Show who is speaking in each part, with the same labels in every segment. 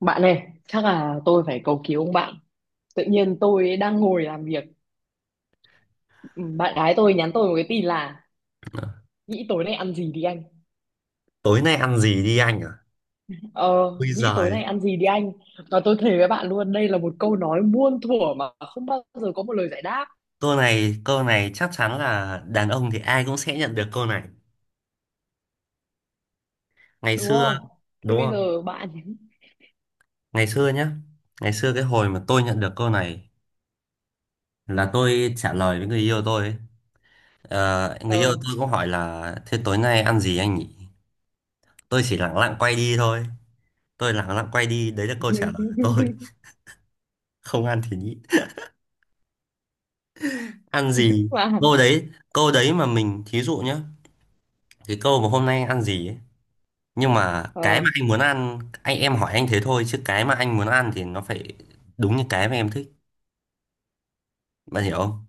Speaker 1: Bạn ơi, chắc là tôi phải cầu cứu ông bạn. Tự nhiên tôi đang ngồi làm việc, ừ, bạn gái tôi nhắn tôi một cái tin là nghĩ tối nay ăn gì đi anh.
Speaker 2: Tối nay ăn gì đi anh à?
Speaker 1: Ờ,
Speaker 2: Bây
Speaker 1: nghĩ
Speaker 2: giờ
Speaker 1: tối nay ăn gì đi anh. Và tôi thề với bạn luôn, đây là một câu nói muôn thuở mà không bao giờ có một lời giải đáp,
Speaker 2: câu này chắc chắn là đàn ông thì ai cũng sẽ nhận được câu này. Ngày
Speaker 1: đúng
Speaker 2: xưa
Speaker 1: không? Thế
Speaker 2: đúng
Speaker 1: bây
Speaker 2: không?
Speaker 1: giờ bạn
Speaker 2: Ngày xưa nhá. Ngày xưa cái hồi mà tôi nhận được câu này là tôi trả lời với người yêu tôi ấy. Ờ, người yêu
Speaker 1: ờ
Speaker 2: tôi cũng hỏi là thế tối nay ăn gì anh nhỉ? Tôi chỉ lẳng lặng quay đi thôi. Tôi lẳng lặng quay đi, đấy là câu trả lời của tôi. Không ăn thì nhịn. Ăn gì?
Speaker 1: mà
Speaker 2: Câu đấy mà mình thí dụ nhá. Cái câu mà hôm nay ăn gì ấy, nhưng mà cái
Speaker 1: ờ
Speaker 2: mà anh muốn ăn, anh em hỏi anh thế thôi chứ cái mà anh muốn ăn thì nó phải đúng như cái mà em thích, bạn hiểu không?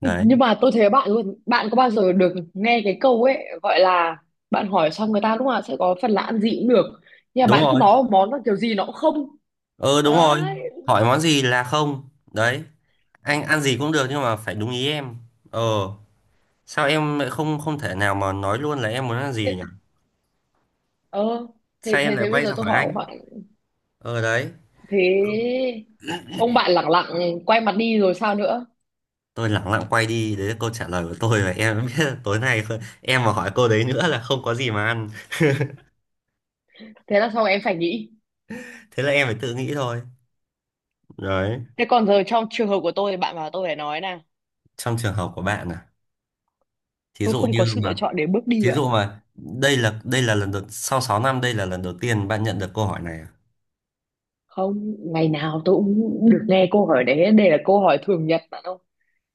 Speaker 2: Đấy.
Speaker 1: nhưng mà tôi thấy bạn luôn, bạn có bao giờ được nghe cái câu ấy gọi là bạn hỏi xong người ta lúc nào sẽ có phần là ăn gì cũng được. Nhưng mà
Speaker 2: Đúng
Speaker 1: bạn cứ
Speaker 2: rồi.
Speaker 1: nói một món là kiểu gì nó cũng không
Speaker 2: Ừ Đúng rồi.
Speaker 1: đấy.
Speaker 2: Hỏi món gì là không đấy. Anh ăn gì cũng được nhưng mà phải đúng ý em. Ờ, sao em lại không không thể nào mà nói luôn là em muốn ăn gì
Speaker 1: thế,
Speaker 2: nhỉ?
Speaker 1: ờ thế,
Speaker 2: Sao em
Speaker 1: thế
Speaker 2: lại
Speaker 1: thế bây
Speaker 2: quay
Speaker 1: giờ
Speaker 2: ra
Speaker 1: tôi
Speaker 2: hỏi
Speaker 1: hỏi ông.
Speaker 2: anh? Ờ đấy.
Speaker 1: Thế ông bạn lẳng lặng quay mặt đi rồi sao nữa?
Speaker 2: Tôi lẳng lặng quay đi, đấy là câu trả lời của tôi và em biết là tối nay không- em mà hỏi câu đấy nữa là không có gì mà ăn.
Speaker 1: Thế là xong em phải nghĩ.
Speaker 2: Thế là em phải tự nghĩ thôi. Đấy.
Speaker 1: Thế còn giờ trong trường hợp của tôi thì bạn bảo tôi phải nói nè,
Speaker 2: Trong trường hợp của bạn à? Thí
Speaker 1: tôi
Speaker 2: dụ
Speaker 1: không
Speaker 2: như
Speaker 1: có sự lựa
Speaker 2: mà,
Speaker 1: chọn để bước đi
Speaker 2: thí
Speaker 1: bạn
Speaker 2: dụ
Speaker 1: ạ.
Speaker 2: mà đây là lần đầu sau 6 năm, đây là lần đầu tiên bạn nhận được câu hỏi này à?
Speaker 1: Không ngày nào tôi cũng được nghe câu hỏi đấy, đây là câu hỏi thường nhật bạn ạ.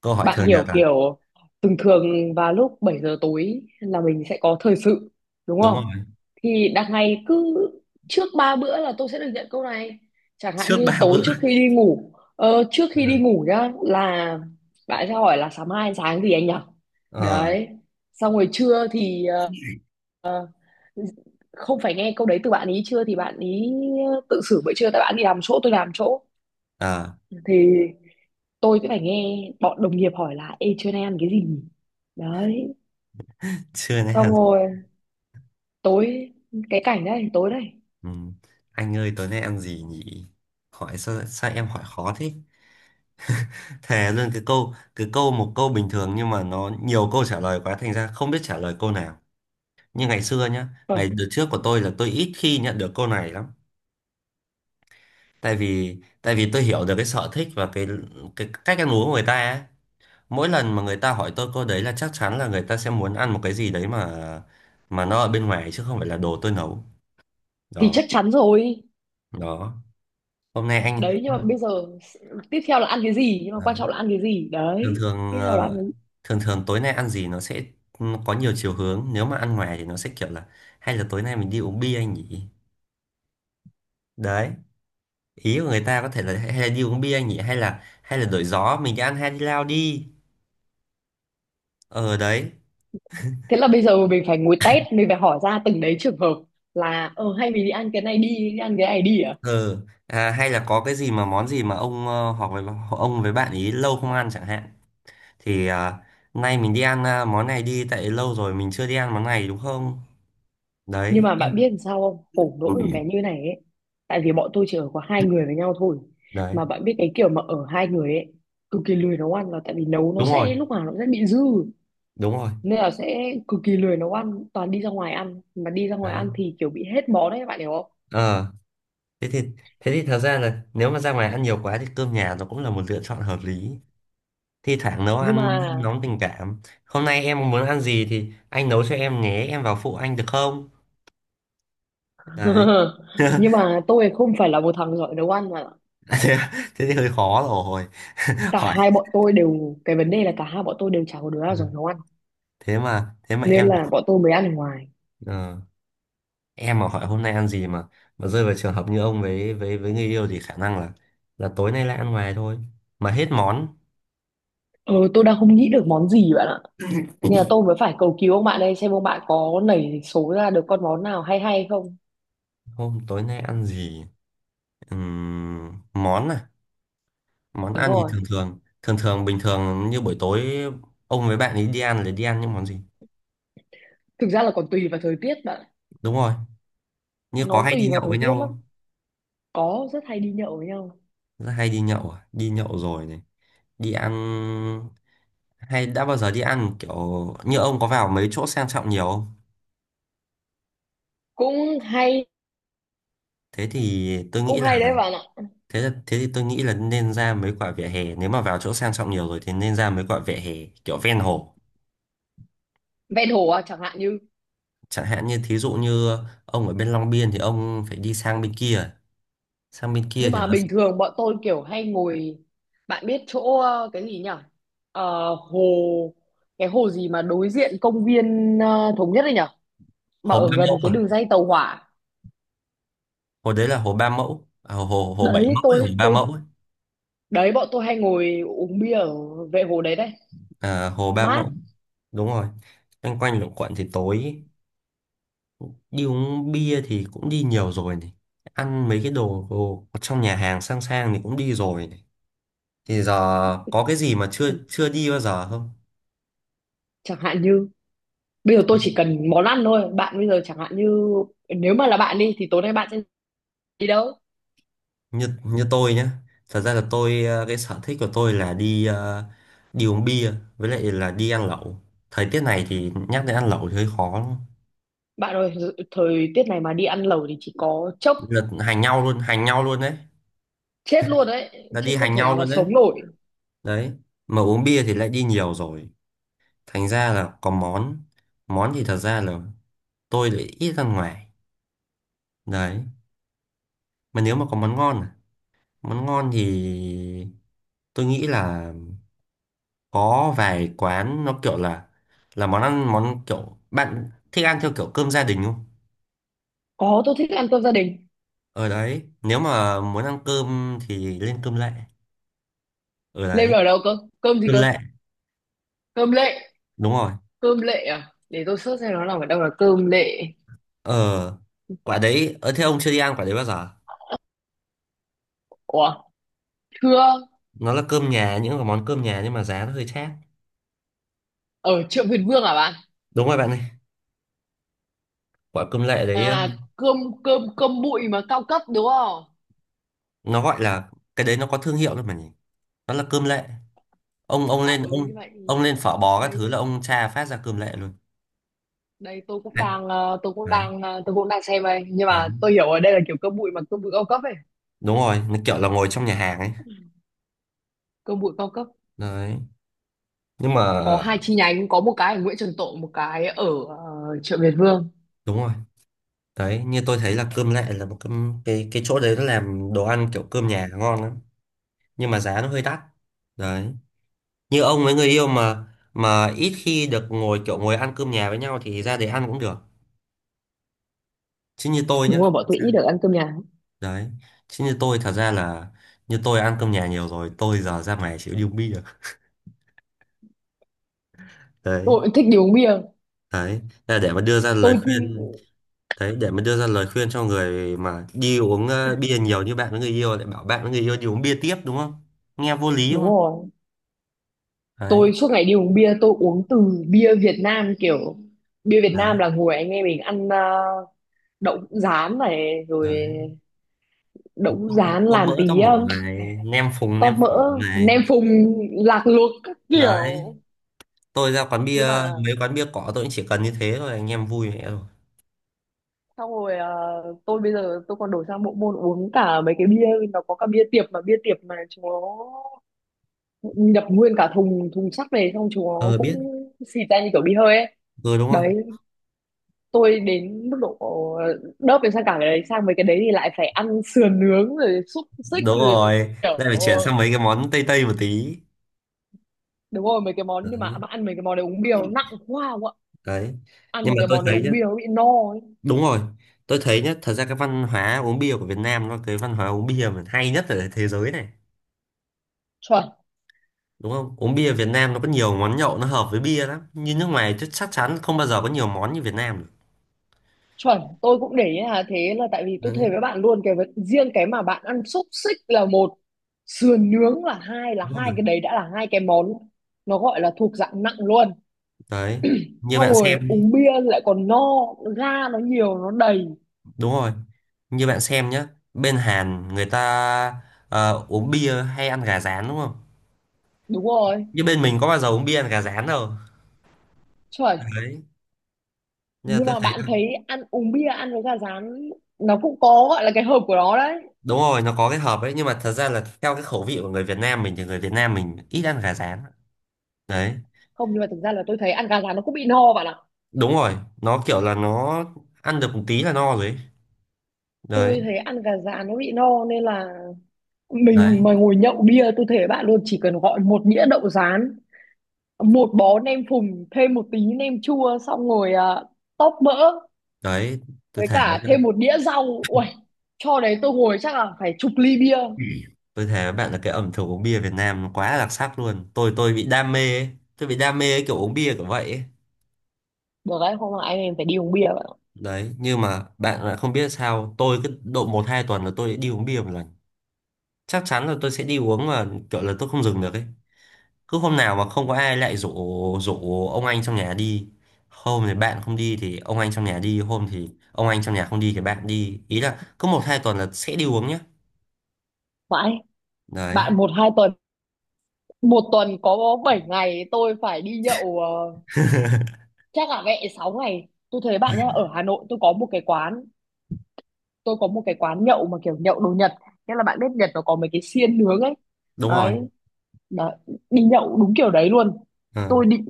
Speaker 2: Câu hỏi
Speaker 1: Bạn
Speaker 2: thường
Speaker 1: hiểu
Speaker 2: nhật à?
Speaker 1: kiểu thường thường vào lúc 7 giờ tối là mình sẽ có thời sự, đúng
Speaker 2: Đúng
Speaker 1: không?
Speaker 2: không?
Speaker 1: Thì đằng ngày cứ trước ba bữa là tôi sẽ được nhận câu này. Chẳng hạn
Speaker 2: Trước
Speaker 1: như
Speaker 2: ba
Speaker 1: tối
Speaker 2: bữa
Speaker 1: trước khi đi ngủ, trước khi đi
Speaker 2: Ừ.
Speaker 1: ngủ nhá, là bạn sẽ hỏi là sáng mai ăn sáng gì anh nhỉ.
Speaker 2: Ờ.
Speaker 1: Đấy. Xong rồi trưa thì không phải nghe câu đấy từ bạn ý, trưa thì bạn ý tự xử bữa trưa, tại bạn đi làm chỗ tôi làm chỗ,
Speaker 2: À,
Speaker 1: thì tôi sẽ phải nghe bọn đồng nghiệp hỏi là ê trưa nay ăn cái gì nhỉ? Đấy.
Speaker 2: trưa nay
Speaker 1: Xong
Speaker 2: ăn gì?
Speaker 1: rồi tối, cái cảnh đấy tối đấy.
Speaker 2: Ừ. Anh ơi tối nay ăn gì nhỉ? Hỏi sao sao em hỏi khó thế? Thề luôn, cái câu một câu bình thường nhưng mà nó nhiều câu trả lời quá thành ra không biết trả lời câu nào. Như ngày xưa nhá,
Speaker 1: Rồi
Speaker 2: ngày đợt trước của tôi là tôi ít khi nhận được câu này lắm, tại vì tôi hiểu được cái sở thích và cái cách ăn uống của người ta ấy. Mỗi lần mà người ta hỏi tôi câu đấy là chắc chắn là người ta sẽ muốn ăn một cái gì đấy mà nó ở bên ngoài chứ không phải là đồ tôi nấu.
Speaker 1: thì
Speaker 2: Đó.
Speaker 1: chắc chắn rồi.
Speaker 2: Đó. Hôm nay anh
Speaker 1: Đấy nhưng mà bây giờ tiếp theo là ăn cái gì, nhưng mà quan
Speaker 2: đấy.
Speaker 1: trọng là ăn cái gì
Speaker 2: Thường
Speaker 1: đấy,
Speaker 2: thường
Speaker 1: tiếp theo là ăn
Speaker 2: ờ,
Speaker 1: cái gì.
Speaker 2: thường thường tối nay ăn gì nó sẽ có nhiều chiều hướng, nếu mà ăn ngoài thì nó sẽ kiểu là hay là tối nay mình đi uống bia anh nhỉ. Đấy. Ý của người ta có thể là hay là đi uống bia anh nhỉ, hay là đổi gió mình đi ăn hai đi lao đi. Ờ đấy.
Speaker 1: Thế là bây giờ mình phải ngồi test, mình phải hỏi ra từng đấy trường hợp, là ờ hay mình đi ăn cái này đi, đi ăn cái này đi à.
Speaker 2: Ừ. À, hay là có cái gì mà món gì mà ông ờ, hoặc là ông với bạn ý lâu không ăn chẳng hạn, thì à, nay mình đi ăn à, món này đi, tại lâu rồi mình chưa đi ăn món này đúng không?
Speaker 1: Nhưng
Speaker 2: Đấy
Speaker 1: mà
Speaker 2: em.
Speaker 1: bạn biết làm sao không, khổ nỗi một cái
Speaker 2: Ừ.
Speaker 1: như này ấy, tại vì bọn tôi chỉ ở có hai người với nhau thôi.
Speaker 2: Đấy.
Speaker 1: Mà bạn biết cái kiểu mà ở hai người ấy cực kỳ lười nấu ăn, là tại vì nấu nó
Speaker 2: Đúng rồi.
Speaker 1: sẽ lúc nào nó cũng sẽ bị dư,
Speaker 2: đúng rồi
Speaker 1: nên là sẽ cực kỳ lười nấu ăn, toàn đi ra ngoài ăn. Mà đi ra ngoài
Speaker 2: Đấy.
Speaker 1: ăn thì kiểu bị hết món đấy, bạn hiểu không.
Speaker 2: Ờ. thế thì Thế thì thật ra là nếu mà ra ngoài ăn nhiều quá thì cơm nhà nó cũng là một lựa chọn hợp lý. Thi thoảng nấu
Speaker 1: Nhưng
Speaker 2: ăn
Speaker 1: mà
Speaker 2: nóng tình cảm, hôm nay em muốn ăn gì thì anh nấu cho em nhé, em vào phụ anh được không? Đấy.
Speaker 1: nhưng mà tôi không phải là một thằng giỏi nấu ăn mà.
Speaker 2: Thế, thế thì hơi khó rồi.
Speaker 1: Cả
Speaker 2: Hỏi.
Speaker 1: hai bọn tôi đều, cái vấn đề là cả hai bọn tôi đều chả có đứa
Speaker 2: Ừ.
Speaker 1: nào giỏi nấu ăn,
Speaker 2: Thế mà
Speaker 1: nên
Speaker 2: em
Speaker 1: là bọn tôi mới ăn ở ngoài.
Speaker 2: ờ, em mà hỏi hôm nay ăn gì mà rơi vào trường hợp như ông với người yêu thì khả năng là tối nay lại ăn ngoài thôi mà hết món.
Speaker 1: Ờ, tôi đang không nghĩ được món gì bạn ạ, nên là tôi mới phải cầu cứu ông bạn đây, xem ông bạn có nảy số ra được con món nào hay hay không.
Speaker 2: Hôm tối nay ăn gì? Món à? Món
Speaker 1: Đúng
Speaker 2: ăn thì
Speaker 1: rồi,
Speaker 2: thường thường bình thường như buổi tối ông với bạn ấy đi ăn là đi ăn những món gì?
Speaker 1: thực ra là còn tùy vào thời tiết bạn ạ.
Speaker 2: Đúng rồi. Như có
Speaker 1: Nó
Speaker 2: hay đi
Speaker 1: tùy vào
Speaker 2: nhậu
Speaker 1: thời
Speaker 2: với
Speaker 1: tiết
Speaker 2: nhau
Speaker 1: lắm.
Speaker 2: không?
Speaker 1: Có, rất hay đi nhậu với nhau.
Speaker 2: Rất hay đi nhậu à? Đi nhậu rồi này. Đi ăn. Hay đã bao giờ đi ăn kiểu như ông có vào mấy chỗ sang trọng nhiều không?
Speaker 1: Cũng hay,
Speaker 2: thế thì tôi
Speaker 1: cũng
Speaker 2: nghĩ
Speaker 1: hay đấy bạn ạ.
Speaker 2: Thế là, thế thì tôi nghĩ là nên ra mấy quả vỉa hè, nếu mà vào chỗ sang trọng nhiều rồi thì nên ra mấy quả vỉa hè kiểu ven hồ.
Speaker 1: Ven hồ à, chẳng hạn như
Speaker 2: Chẳng hạn như thí dụ như ông ở bên Long Biên thì ông phải đi sang bên kia, sang bên kia
Speaker 1: nhưng
Speaker 2: thì
Speaker 1: mà
Speaker 2: nó
Speaker 1: bình
Speaker 2: sẽ-
Speaker 1: thường bọn tôi kiểu hay ngồi, bạn biết chỗ cái gì nhỉ? Hồ, cái hồ gì mà đối diện công viên Thống Nhất đấy nhỉ, mà
Speaker 2: Hồ Ba
Speaker 1: ở
Speaker 2: Mẫu
Speaker 1: gần cái đường
Speaker 2: à?
Speaker 1: ray tàu hỏa
Speaker 2: Hồ đấy là hồ Ba Mẫu à, hồ hồ Bảy
Speaker 1: đấy.
Speaker 2: Mẫu hay hồ
Speaker 1: tôi
Speaker 2: Ba
Speaker 1: tôi
Speaker 2: Mẫu ấy.
Speaker 1: đấy, bọn tôi hay ngồi uống bia ở vệ hồ đấy đấy.
Speaker 2: À, hồ Ba
Speaker 1: Mát.
Speaker 2: Mẫu. Đúng rồi. Loanh quanh luẩn quẩn thì tối đi uống bia thì cũng đi nhiều rồi này, ăn mấy cái đồ, đồ trong nhà hàng sang sang thì cũng đi rồi này, thì giờ có cái gì mà chưa
Speaker 1: Cũng,
Speaker 2: chưa đi bao giờ không?
Speaker 1: chẳng hạn như bây giờ tôi chỉ cần món ăn thôi bạn. Bây giờ chẳng hạn như nếu mà là bạn đi thì tối nay bạn sẽ đi đâu?
Speaker 2: Như như tôi nhá, thật ra là tôi ờ, cái sở thích của tôi là đi ờ, đi uống bia với lại là đi ăn lẩu. Thời tiết này thì nhắc đến ăn lẩu thì hơi khó lắm.
Speaker 1: Bạn ơi, thời tiết này mà đi ăn lẩu thì chỉ có chốc
Speaker 2: Là hành nhau luôn, hành nhau luôn đấy.
Speaker 1: chết luôn đấy
Speaker 2: Là
Speaker 1: chứ
Speaker 2: đi
Speaker 1: không
Speaker 2: hành
Speaker 1: thể
Speaker 2: nhau
Speaker 1: nào mà
Speaker 2: luôn đấy.
Speaker 1: sống nổi.
Speaker 2: Đấy. Mà uống bia thì lại đi nhiều rồi, thành ra là có món, thì thật ra là tôi lại ít ăn ngoài. Đấy. Mà nếu mà có món ngon à, món ngon thì tôi nghĩ là có vài quán nó kiểu là món ăn món kiểu bạn thích ăn theo kiểu cơm gia đình không?
Speaker 1: Có, tôi thích ăn cơm gia đình.
Speaker 2: Ở đấy nếu mà muốn ăn cơm thì lên cơm lệ. Ở
Speaker 1: Lê
Speaker 2: đấy
Speaker 1: ở đâu cơ, cơm gì
Speaker 2: cơm
Speaker 1: cơ?
Speaker 2: lệ.
Speaker 1: Cơm lệ.
Speaker 2: Đúng rồi.
Speaker 1: Cơm lệ à, để tôi search xem nó nằm ở đâu là cơm lệ.
Speaker 2: Ờ. Quả đấy ở thế ông chưa đi ăn quả đấy bao giờ?
Speaker 1: Ủa, thưa,
Speaker 2: Nó là cơm nhà, những cái món cơm nhà nhưng mà giá nó hơi chát.
Speaker 1: ở chợ Việt Vương à bạn?
Speaker 2: Đúng rồi bạn ơi. Quả cơm lệ đấy.
Speaker 1: À, cơm cơm cơm bụi mà cao cấp đúng không?
Speaker 2: Nó gọi là cái đấy nó có thương hiệu đấy mà nhỉ. Nó là cơm lệ. Ông
Speaker 1: À
Speaker 2: lên
Speaker 1: ừ, như vậy thì
Speaker 2: phở bò các
Speaker 1: đây,
Speaker 2: thứ là ông tra phát ra cơm lệ luôn.
Speaker 1: đây tôi cũng
Speaker 2: Đấy,
Speaker 1: đang tôi cũng đang tôi cũng đang xem đây, nhưng mà
Speaker 2: đấy.
Speaker 1: tôi hiểu ở đây là kiểu cơm bụi, mà cơm bụi cao cấp ấy.
Speaker 2: Đúng rồi, nó kiểu là ngồi trong nhà hàng ấy.
Speaker 1: Cơm bụi cao cấp,
Speaker 2: Đấy nhưng mà
Speaker 1: có hai chi nhánh, có một cái ở Nguyễn Trần Tộ, một cái ở chợ Việt Vương.
Speaker 2: đúng rồi. Đấy, như tôi thấy là cơm lệ là một cái chỗ đấy nó làm đồ ăn kiểu cơm nhà ngon lắm, nhưng mà giá nó hơi đắt. Đấy. Như ông với người yêu mà ít khi được ngồi kiểu ngồi ăn cơm nhà với nhau thì ra để ăn cũng được, chứ như tôi nhá
Speaker 1: Đúng rồi, bọn
Speaker 2: thật
Speaker 1: tôi ít
Speaker 2: ra-
Speaker 1: được ăn cơm nhà.
Speaker 2: Đấy. Chứ như tôi thật ra là như tôi ăn cơm nhà nhiều rồi, tôi giờ ra ngoài chịu điêu bia. Đấy.
Speaker 1: Tôi cũng thích đi uống bia.
Speaker 2: Đấy. Thế là để mà đưa ra lời
Speaker 1: Tôi,
Speaker 2: khuyên. Đấy, để mình đưa ra lời khuyên cho người mà đi uống ờ, bia nhiều như bạn với người yêu lại bảo bạn với người yêu đi uống bia tiếp đúng không? Nghe vô lý
Speaker 1: đúng
Speaker 2: không?
Speaker 1: rồi,
Speaker 2: Đấy,
Speaker 1: tôi suốt ngày đi uống bia, tôi uống từ bia Việt Nam kiểu, bia Việt
Speaker 2: đấy,
Speaker 1: Nam là ngồi anh em mình ăn đậu hũ rán này, rồi
Speaker 2: đấy.
Speaker 1: đậu hũ
Speaker 2: Có,
Speaker 1: rán
Speaker 2: có mỡ
Speaker 1: làm
Speaker 2: có
Speaker 1: tí,
Speaker 2: mủ này, nem phùng
Speaker 1: tóp
Speaker 2: nem phổi
Speaker 1: mỡ,
Speaker 2: này.
Speaker 1: nem phùng, lạc luộc các
Speaker 2: Đấy,
Speaker 1: kiểu.
Speaker 2: tôi ra quán bia,
Speaker 1: Nhưng mà
Speaker 2: mấy quán bia cỏ tôi cũng chỉ cần như thế thôi, anh em vui mẹ rồi.
Speaker 1: xong rồi tôi bây giờ tôi còn đổi sang bộ môn uống cả mấy cái bia, nó có cả bia tiệp, mà bia tiệp mà chúng nó nhập nguyên cả thùng thùng sắt về, xong chúng nó
Speaker 2: Ờ
Speaker 1: cũng
Speaker 2: biết,
Speaker 1: xịt ra như kiểu bia hơi ấy.
Speaker 2: ừ đúng rồi.
Speaker 1: Đấy, tôi đến mức độ đớp đến sang cả cái đấy, sang mấy cái đấy thì lại phải ăn sườn nướng rồi xúc xích
Speaker 2: Đúng
Speaker 1: rồi
Speaker 2: rồi,
Speaker 1: kiểu.
Speaker 2: lại phải chuyển sang mấy cái món Tây Tây một tí.
Speaker 1: Đúng rồi mấy cái món, nhưng
Speaker 2: Đấy,
Speaker 1: mà ăn mấy cái món đấy uống bia nó nặng quá không ạ.
Speaker 2: đấy.
Speaker 1: Ăn
Speaker 2: Nhưng
Speaker 1: mấy
Speaker 2: mà
Speaker 1: cái
Speaker 2: tôi
Speaker 1: món đấy
Speaker 2: thấy nhá,
Speaker 1: uống bia nó bị no ấy.
Speaker 2: đúng rồi, tôi thấy nhá, thật ra cái văn hóa uống bia của Việt Nam nó cái văn hóa uống bia mà hay nhất ở thế giới này,
Speaker 1: Chuẩn,
Speaker 2: đúng không? Uống bia Việt Nam nó có nhiều món nhậu nó hợp với bia lắm, như nước ngoài chứ chắc chắn không bao giờ có nhiều món như Việt Nam được.
Speaker 1: chuẩn tôi cũng để ý là thế, là tại vì tôi thề
Speaker 2: Đấy,
Speaker 1: với bạn luôn cái riêng cái mà bạn ăn xúc xích là một, sườn nướng là hai, là
Speaker 2: đúng
Speaker 1: hai
Speaker 2: rồi.
Speaker 1: cái đấy đã là hai cái món nó gọi là thuộc dạng nặng luôn.
Speaker 2: Đấy, như
Speaker 1: Xong
Speaker 2: bạn xem,
Speaker 1: rồi
Speaker 2: nhé.
Speaker 1: uống bia lại còn no, ga nó nhiều nó đầy.
Speaker 2: Đúng rồi, như bạn xem nhá, bên Hàn người ta ờ, uống bia hay ăn gà rán đúng không?
Speaker 1: Đúng rồi,
Speaker 2: Như bên mình có bao giờ uống bia ăn gà rán đâu.
Speaker 1: chuẩn.
Speaker 2: Đấy. Nhưng mà
Speaker 1: Nhưng
Speaker 2: tôi
Speaker 1: mà
Speaker 2: thấy
Speaker 1: bạn thấy ăn uống bia ăn với gà rán, nó cũng có gọi là cái hợp của nó đấy.
Speaker 2: đúng rồi, nó có cái hợp ấy, nhưng mà thật ra là theo cái khẩu vị của người Việt Nam mình thì người Việt Nam mình ít ăn gà rán. Đấy.
Speaker 1: Không nhưng mà thực ra là tôi thấy ăn gà rán nó cũng bị no bạn ạ.
Speaker 2: Đúng rồi. Nó kiểu là nó ăn được một tí là no rồi ấy. Đấy.
Speaker 1: Tôi thấy ăn gà rán nó bị no, nên là
Speaker 2: Đấy.
Speaker 1: mình mà ngồi nhậu bia, tôi thể bạn luôn chỉ cần gọi một đĩa đậu rán, một bó nem phùng, thêm một tí nem chua, xong ngồi uh, tóp mỡ,
Speaker 2: Đấy. Tôi
Speaker 1: với
Speaker 2: thề với
Speaker 1: cả thêm
Speaker 2: bạn.
Speaker 1: một đĩa rau uầy cho đấy, tôi ngồi chắc là phải chục ly bia.
Speaker 2: Tôi thề với bạn là cái ẩm thực uống bia Việt Nam nó quá là đặc sắc luôn, tôi bị đam mê ấy. Tôi bị đam mê cái kiểu uống bia kiểu vậy ấy.
Speaker 1: Được đấy, không là anh em phải đi uống bia bạn ạ.
Speaker 2: Đấy. Nhưng mà bạn lại không biết sao, tôi cứ độ một hai tuần là tôi đi uống bia một lần. Chắc chắn là tôi sẽ đi uống mà kiểu là tôi không dừng được ấy. Cứ hôm nào mà không có ai lại rủ, ông anh trong nhà đi, hôm thì bạn không đi thì ông anh trong nhà đi, hôm thì ông anh trong nhà không đi thì bạn đi, ý là cứ một hai tuần là sẽ đi uống nhá.
Speaker 1: Mãi
Speaker 2: Đấy.
Speaker 1: bạn, một hai tuần. Một tuần có 7 ngày, tôi phải đi nhậu, chắc là mẹ 6 ngày. Tôi thấy bạn nhá, ở Hà Nội tôi có một cái quán, tôi có một cái quán nhậu mà kiểu nhậu đồ Nhật, nghĩa là bạn biết Nhật nó có mấy cái xiên nướng ấy.
Speaker 2: Đúng rồi.
Speaker 1: Đấy, đó. Đi nhậu đúng kiểu đấy luôn.
Speaker 2: Ờ.
Speaker 1: Tôi định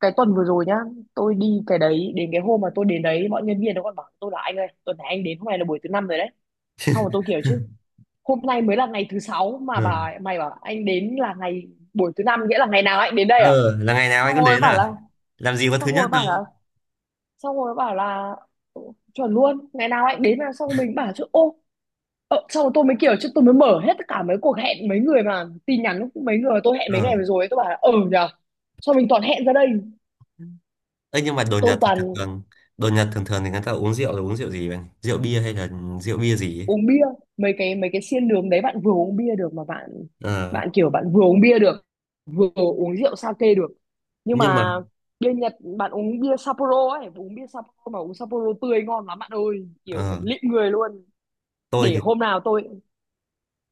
Speaker 1: cái tuần vừa rồi nhá, tôi đi cái đấy, đến cái hôm mà tôi đến đấy, mọi nhân viên nó còn bảo tôi là anh ơi, tuần này anh đến hôm nay là buổi thứ năm rồi đấy. Xong rồi tôi kiểu chứ, hôm nay mới là ngày thứ sáu mà
Speaker 2: Ừ.
Speaker 1: bà mày bảo anh đến là ngày, buổi thứ năm, nghĩa là ngày nào anh đến đây à.
Speaker 2: Ờ là ngày nào anh
Speaker 1: Xong
Speaker 2: cũng
Speaker 1: rồi
Speaker 2: đến
Speaker 1: bảo
Speaker 2: à?
Speaker 1: là
Speaker 2: Làm gì có thứ
Speaker 1: xong
Speaker 2: nhất
Speaker 1: rồi bảo
Speaker 2: đâu.
Speaker 1: là Xong rồi bảo là: "Ừ, chuẩn luôn, ngày nào anh đến". Là xong rồi mình bảo chứ ô, xong rồi tôi mới kiểu chứ, tôi mới mở hết tất cả mấy cuộc hẹn mấy người mà tin mấy người mà tôi hẹn mấy
Speaker 2: Ờ
Speaker 1: ngày vừa rồi ấy, tôi bảo là ừ nhờ, xong mình toàn hẹn ra đây.
Speaker 2: ấy nhưng mà đồ
Speaker 1: Tôi
Speaker 2: Nhật thì
Speaker 1: toàn
Speaker 2: thường thường, đồ Nhật thường thường thì người ta uống rượu là uống rượu gì vậy? Rượu bia hay là rượu bia gì ấy?
Speaker 1: uống bia mấy cái, mấy cái xiên đường đấy bạn, vừa uống bia được mà bạn.
Speaker 2: ờ
Speaker 1: Bạn kiểu bạn vừa uống bia được, vừa uống rượu sake được. Nhưng
Speaker 2: nhưng mà
Speaker 1: mà bia Nhật bạn uống bia Sapporo ấy, uống bia Sapporo mà uống Sapporo tươi ngon lắm bạn ơi, kiểu
Speaker 2: ờ
Speaker 1: lịm người luôn.
Speaker 2: tôi
Speaker 1: Để
Speaker 2: thì
Speaker 1: hôm nào tôi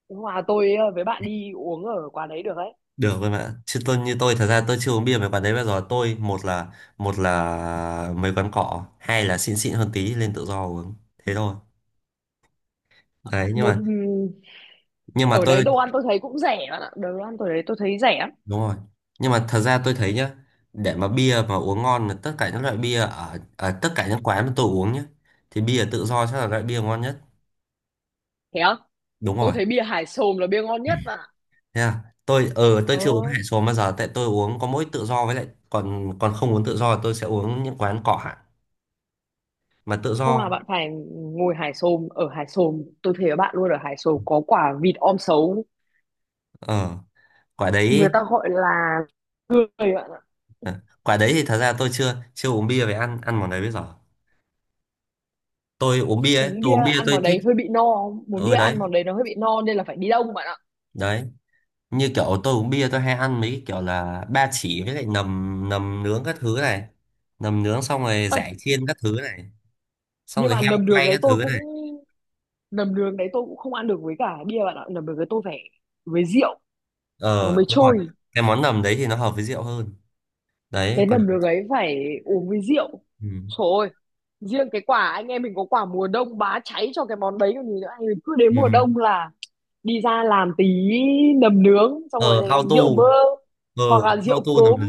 Speaker 1: Hòa tôi với bạn đi uống ở quán đấy được đấy.
Speaker 2: được rồi bạn. Chứ tôi, như tôi thật ra tôi chưa uống bia mấy quán đấy bao giờ. Tôi một là mấy quán cọ, hai là xịn xịn hơn tí lên tự do uống. Thế thôi. Đấy
Speaker 1: Một ừ,
Speaker 2: nhưng mà
Speaker 1: ở đấy
Speaker 2: tôi
Speaker 1: đồ ăn tôi thấy cũng rẻ bạn ạ. Đồ ăn tôi đấy tôi thấy rẻ lắm.
Speaker 2: đúng rồi. Nhưng mà thật ra tôi thấy nhá, để mà bia mà uống ngon là tất cả những loại bia ở tất cả những quán mà tôi uống nhá thì bia tự do chắc là loại bia ngon nhất.
Speaker 1: Thế không?
Speaker 2: Đúng
Speaker 1: Tôi
Speaker 2: rồi.
Speaker 1: thấy bia Hải Xồm là bia ngon nhất bạn ạ.
Speaker 2: Thế à? Tôi tôi
Speaker 1: Ờ,
Speaker 2: chưa uống hải số bao giờ, tại tôi uống có mỗi tự do với lại còn còn không uống tự do tôi sẽ uống những quán cọ hẳn mà tự
Speaker 1: hôm nào
Speaker 2: do.
Speaker 1: bạn phải ngồi Hải Xồm, ở Hải Xồm, tôi thấy bạn luôn ở Hải Xồm có quả vịt om sấu,
Speaker 2: Ờ quả
Speaker 1: người
Speaker 2: đấy.
Speaker 1: ta gọi là, người bạn ạ.
Speaker 2: À, quả đấy thì thật ra tôi chưa chưa uống bia về ăn ăn món đấy bây giờ. Tôi uống bia ấy,
Speaker 1: Uống
Speaker 2: tôi
Speaker 1: bia
Speaker 2: uống bia
Speaker 1: ăn
Speaker 2: tôi
Speaker 1: món
Speaker 2: thích.
Speaker 1: đấy hơi bị no, muốn bia
Speaker 2: Ừ đấy.
Speaker 1: ăn món đấy nó hơi bị no nên là phải đi đông bạn ạ.
Speaker 2: Đấy như kiểu tôi uống bia tôi hay ăn mấy cái kiểu là ba chỉ với lại nầm nầm nướng các thứ này, nầm nướng xong rồi
Speaker 1: Ê,
Speaker 2: giải chiên các thứ này, xong
Speaker 1: nhưng
Speaker 2: rồi
Speaker 1: mà
Speaker 2: heo
Speaker 1: nầm đường
Speaker 2: quay
Speaker 1: đấy
Speaker 2: các
Speaker 1: tôi
Speaker 2: thứ
Speaker 1: cũng,
Speaker 2: này.
Speaker 1: nầm đường đấy tôi cũng không ăn được với cả bia bạn ạ, nầm đường đấy tôi phải với rượu nó
Speaker 2: Ờ
Speaker 1: mới
Speaker 2: đúng rồi,
Speaker 1: trôi.
Speaker 2: cái món nầm đấy thì nó hợp với rượu hơn. Đấy
Speaker 1: Cái
Speaker 2: còn
Speaker 1: nấm nước ấy phải uống với rượu.
Speaker 2: ừ.
Speaker 1: Trời ơi, riêng cái quả anh em mình có quả mùa đông bá cháy cho cái món đấy còn gì nữa, anh mình cứ đến
Speaker 2: Ừ.
Speaker 1: mùa đông là đi ra làm tí nấm nướng, xong rồi
Speaker 2: Ờ ao
Speaker 1: rượu
Speaker 2: tu.
Speaker 1: bơ,
Speaker 2: Ờ
Speaker 1: hoặc là
Speaker 2: ao
Speaker 1: rượu
Speaker 2: tu nầm
Speaker 1: cốm,
Speaker 2: nướng,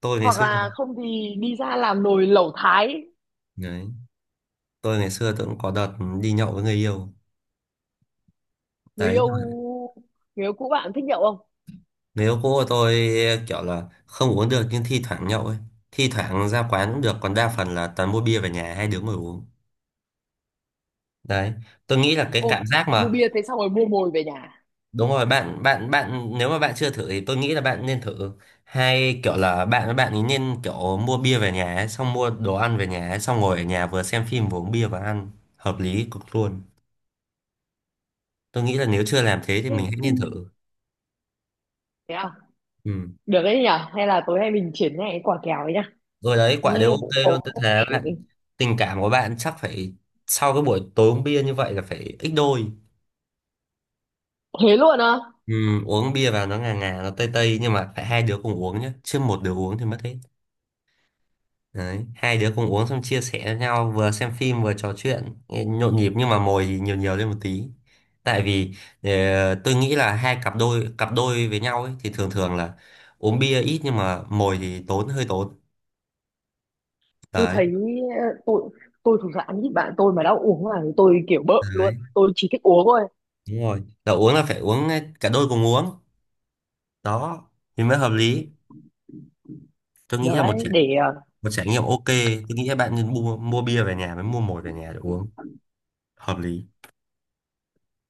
Speaker 2: tôi ngày
Speaker 1: hoặc
Speaker 2: xưa.
Speaker 1: là không thì đi ra làm nồi lẩu thái.
Speaker 2: Đấy tôi ngày xưa tôi cũng có đợt đi nhậu với người yêu.
Speaker 1: Người
Speaker 2: Đấy
Speaker 1: yêu, người yêu cũ bạn thích nhậu không?
Speaker 2: người yêu cũ của tôi kiểu là không uống được nhưng thi thoảng nhậu ấy, thi thoảng ra quán cũng được còn đa phần là toàn mua bia về nhà hai đứa ngồi uống. Đấy tôi nghĩ là cái
Speaker 1: Ô,
Speaker 2: cảm giác
Speaker 1: mua
Speaker 2: mà
Speaker 1: bia thế xong rồi mua mồi về nhà,
Speaker 2: đúng rồi bạn, bạn nếu mà bạn chưa thử thì tôi nghĩ là bạn nên thử, hay kiểu là bạn với bạn ấy nên kiểu mua bia về nhà ấy, xong mua đồ ăn về nhà ấy, xong ngồi ở nhà vừa xem phim vừa uống bia và ăn. Hợp lý cực luôn. Tôi nghĩ là nếu chưa làm thế thì
Speaker 1: thêm
Speaker 2: mình hãy nên
Speaker 1: phim.
Speaker 2: thử.
Speaker 1: Thế à?
Speaker 2: Ừ.
Speaker 1: Được đấy nhở, hay là tối nay mình triển khai cái quả kèo ấy nhá.
Speaker 2: Rồi đấy quả đều
Speaker 1: Nghe
Speaker 2: ok
Speaker 1: cũng có
Speaker 2: luôn, tôi thề
Speaker 1: vẻ,
Speaker 2: bạn. Tình cảm của bạn chắc phải sau cái buổi tối uống bia như vậy là phải ít đôi.
Speaker 1: thế luôn á?
Speaker 2: Ừ, uống bia vào nó ngà ngà nó tây tây nhưng mà phải hai đứa cùng uống nhé, chứ một đứa uống thì mất hết. Đấy hai đứa cùng uống xong chia sẻ với nhau, vừa xem phim vừa trò chuyện nghe nhộn nhịp, nhưng mà mồi thì nhiều nhiều lên một tí. Tại vì tôi nghĩ là hai cặp đôi với nhau ấy, thì thường thường là uống bia ít nhưng mà mồi thì tốn hơi tốn.
Speaker 1: Tôi
Speaker 2: Đấy.
Speaker 1: thấy ờ, tôi tôi thực ra ăn ít bạn, tôi mà đã uống là tôi kiểu bợm luôn,
Speaker 2: Đấy.
Speaker 1: tôi chỉ thích uống thôi.
Speaker 2: Đúng rồi. Là uống là phải uống cả đôi cùng uống. Đó thì mới hợp lý. Tôi nghĩ là một ừ
Speaker 1: Đấy,
Speaker 2: trải,
Speaker 1: để
Speaker 2: một trải nghiệm ok. Tôi nghĩ là bạn nên mua mua bia về nhà mới mua mồi về nhà để uống. Hợp lý.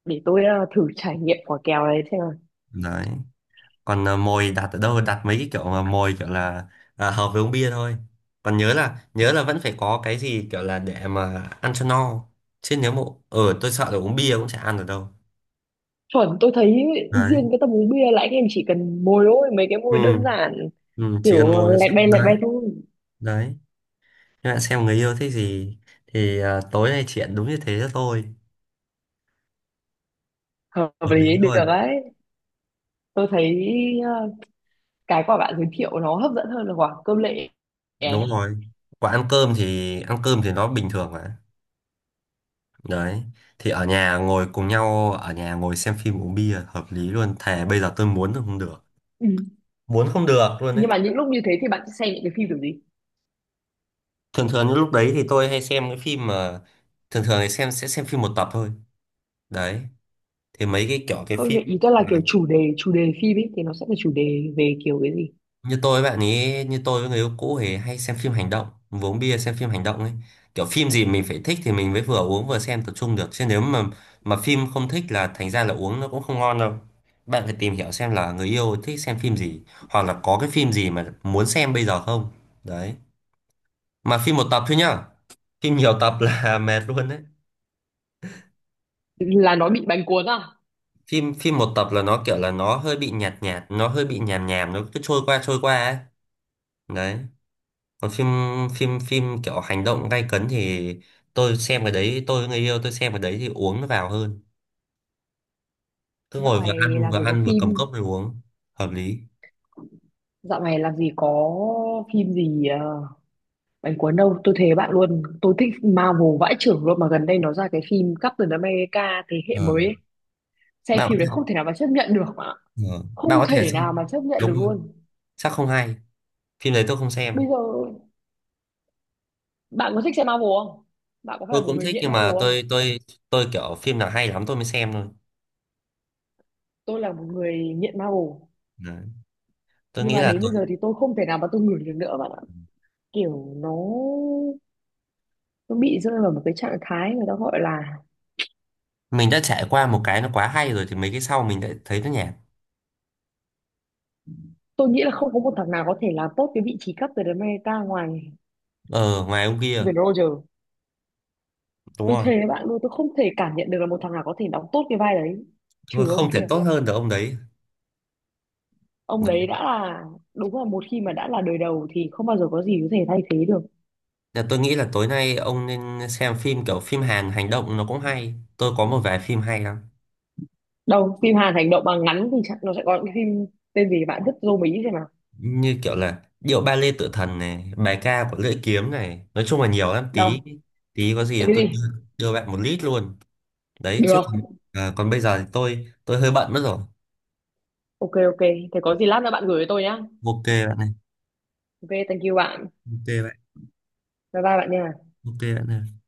Speaker 1: để tôi thử trải nghiệm quả kèo này xem nào.
Speaker 2: Đấy còn à, mồi đặt ở đâu, đặt mấy cái kiểu mà mồi kiểu là à, hợp với uống bia thôi, còn nhớ là vẫn phải có cái gì kiểu là để mà ăn cho no. Chứ nếu mà ở tôi sợ là uống bia cũng chả ăn được đâu.
Speaker 1: Chuẩn tôi thấy
Speaker 2: Đấy
Speaker 1: riêng cái tầm uống bia là anh em chỉ cần mồi thôi, mấy cái mồi đơn
Speaker 2: ừ,
Speaker 1: giản,
Speaker 2: ừ chỉ cần
Speaker 1: kiểu
Speaker 2: mồi là
Speaker 1: lẹt
Speaker 2: đấy.
Speaker 1: bay thôi.
Speaker 2: Đấy các bạn xem người yêu thích gì thì à, tối nay chuyện đúng như thế thôi.
Speaker 1: Hợp
Speaker 2: Hợp lý
Speaker 1: lý, được
Speaker 2: luôn.
Speaker 1: đấy. Tôi thấy ờ, cái quả bạn giới thiệu nó hấp dẫn hơn là quả cơm lệ.
Speaker 2: Đúng rồi. Còn ăn cơm thì nó bình thường mà. Đấy thì ở nhà ngồi cùng nhau, ở nhà ngồi xem phim uống bia hợp lý luôn, thề bây giờ tôi muốn là không được,
Speaker 1: Ừ.
Speaker 2: muốn không được luôn đấy.
Speaker 1: Nhưng mà những lúc như thế thì bạn sẽ xem những cái phim kiểu gì?
Speaker 2: Thường thường những lúc đấy thì tôi hay xem cái phim mà thường thường thì xem sẽ xem phim một tập thôi. Đấy thì mấy cái kiểu cái
Speaker 1: Không,
Speaker 2: phim
Speaker 1: ý tôi là kiểu chủ đề, chủ đề phim ấy thì nó sẽ là chủ đề về kiểu cái gì?
Speaker 2: như tôi với bạn ấy, như tôi với người yêu cũ thì hay xem phim hành động, vừa uống bia xem phim hành động ấy. Kiểu phim gì mình phải thích thì mình mới vừa uống vừa xem tập trung được, chứ nếu mà phim không thích là thành ra là uống nó cũng không ngon đâu. Bạn phải tìm hiểu xem là người yêu thích xem phim gì, hoặc là có cái phim gì mà muốn xem bây giờ không. Đấy mà phim một tập thôi nhá, phim nhiều tập là mệt luôn đấy.
Speaker 1: Là nó bị bánh cuốn à?
Speaker 2: Phim phim một tập là nó kiểu là nó hơi bị nhạt nhạt, nó hơi bị nhàm nhàm, nó cứ trôi qua ấy. Đấy còn phim, phim kiểu hành động gay cấn thì tôi xem cái đấy, tôi với người yêu tôi xem cái đấy thì uống nó vào hơn. Cứ
Speaker 1: Dạo
Speaker 2: ngồi vừa
Speaker 1: này
Speaker 2: ăn
Speaker 1: làm gì có
Speaker 2: vừa cầm
Speaker 1: phim,
Speaker 2: cốc rồi uống. Hợp lý.
Speaker 1: dạo này làm gì có phim gì bánh cuốn đâu, tôi thề bạn luôn tôi thích Marvel vãi chưởng luôn, mà gần đây nó ra cái phim Captain America thế hệ
Speaker 2: ờ
Speaker 1: mới ấy. Xem
Speaker 2: Bạn có
Speaker 1: phim đấy
Speaker 2: thể,
Speaker 1: không thể nào mà chấp nhận được,
Speaker 2: ờ, bạn
Speaker 1: không
Speaker 2: có thể
Speaker 1: thể nào
Speaker 2: xem.
Speaker 1: mà chấp nhận
Speaker 2: Đúng
Speaker 1: được
Speaker 2: rồi,
Speaker 1: luôn.
Speaker 2: chắc không hay, phim đấy tôi không
Speaker 1: Bây
Speaker 2: xem.
Speaker 1: giờ bạn có thích xem Marvel không? Bạn có phải
Speaker 2: Tôi
Speaker 1: một
Speaker 2: cũng
Speaker 1: người
Speaker 2: thích
Speaker 1: nghiện
Speaker 2: nhưng
Speaker 1: Marvel
Speaker 2: mà
Speaker 1: không?
Speaker 2: tôi tôi kiểu phim nào hay lắm tôi mới xem thôi.
Speaker 1: Tôi là một người nghiện Marvel.
Speaker 2: Đấy. Tôi
Speaker 1: Nhưng
Speaker 2: nghĩ
Speaker 1: mà
Speaker 2: là
Speaker 1: đến
Speaker 2: tôi,
Speaker 1: bây giờ thì tôi không thể nào mà tôi ngửi được nữa bạn ạ, kiểu nó bị rơi vào một cái trạng thái người ta gọi là,
Speaker 2: mình đã trải qua một cái nó quá hay rồi thì mấy cái sau mình lại thấy nó nhạt.
Speaker 1: tôi nghĩ là không có một thằng nào có thể làm tốt cái vị trí cấp từ đến America ngoài
Speaker 2: Ờ ngoài ông kia.
Speaker 1: Steven Roger.
Speaker 2: Đúng
Speaker 1: Tôi
Speaker 2: rồi.
Speaker 1: thề với bạn luôn tôi không thể cảm nhận được là một thằng nào có thể đóng tốt cái vai đấy,
Speaker 2: Đúng
Speaker 1: trừ
Speaker 2: rồi,
Speaker 1: ông
Speaker 2: không thể
Speaker 1: kia.
Speaker 2: tốt hơn được ông đấy.
Speaker 1: Ông đấy đã là, đúng là một khi mà đã là đời đầu thì không bao giờ có gì có thể thay thế được.
Speaker 2: Dạ, tôi nghĩ là tối nay ông nên xem phim kiểu phim Hàn hành động nó cũng hay. Tôi có một vài phim hay lắm.
Speaker 1: Đâu, phim Hàn hành động mà ngắn thì chắc nó sẽ có những phim tên gì, bạn thích dô Mỹ xem nào.
Speaker 2: Như kiểu là Điệu Ba Lê tự thần này, Bài Ca Của Lưỡi Kiếm này. Nói chung là nhiều lắm. Tí
Speaker 1: Đâu,
Speaker 2: tí có gì
Speaker 1: cái
Speaker 2: tôi đưa,
Speaker 1: gì?
Speaker 2: đưa bạn một lít luôn. Đấy chứ
Speaker 1: Được,
Speaker 2: còn, à, còn bây giờ thì tôi hơi bận mất rồi.
Speaker 1: ok ok, thế có gì lát nữa bạn gửi cho tôi nhá.
Speaker 2: Ok bạn này.
Speaker 1: Ok thank you bạn.
Speaker 2: Ok bạn.
Speaker 1: Bye bye bạn nha.
Speaker 2: Ok bạn này.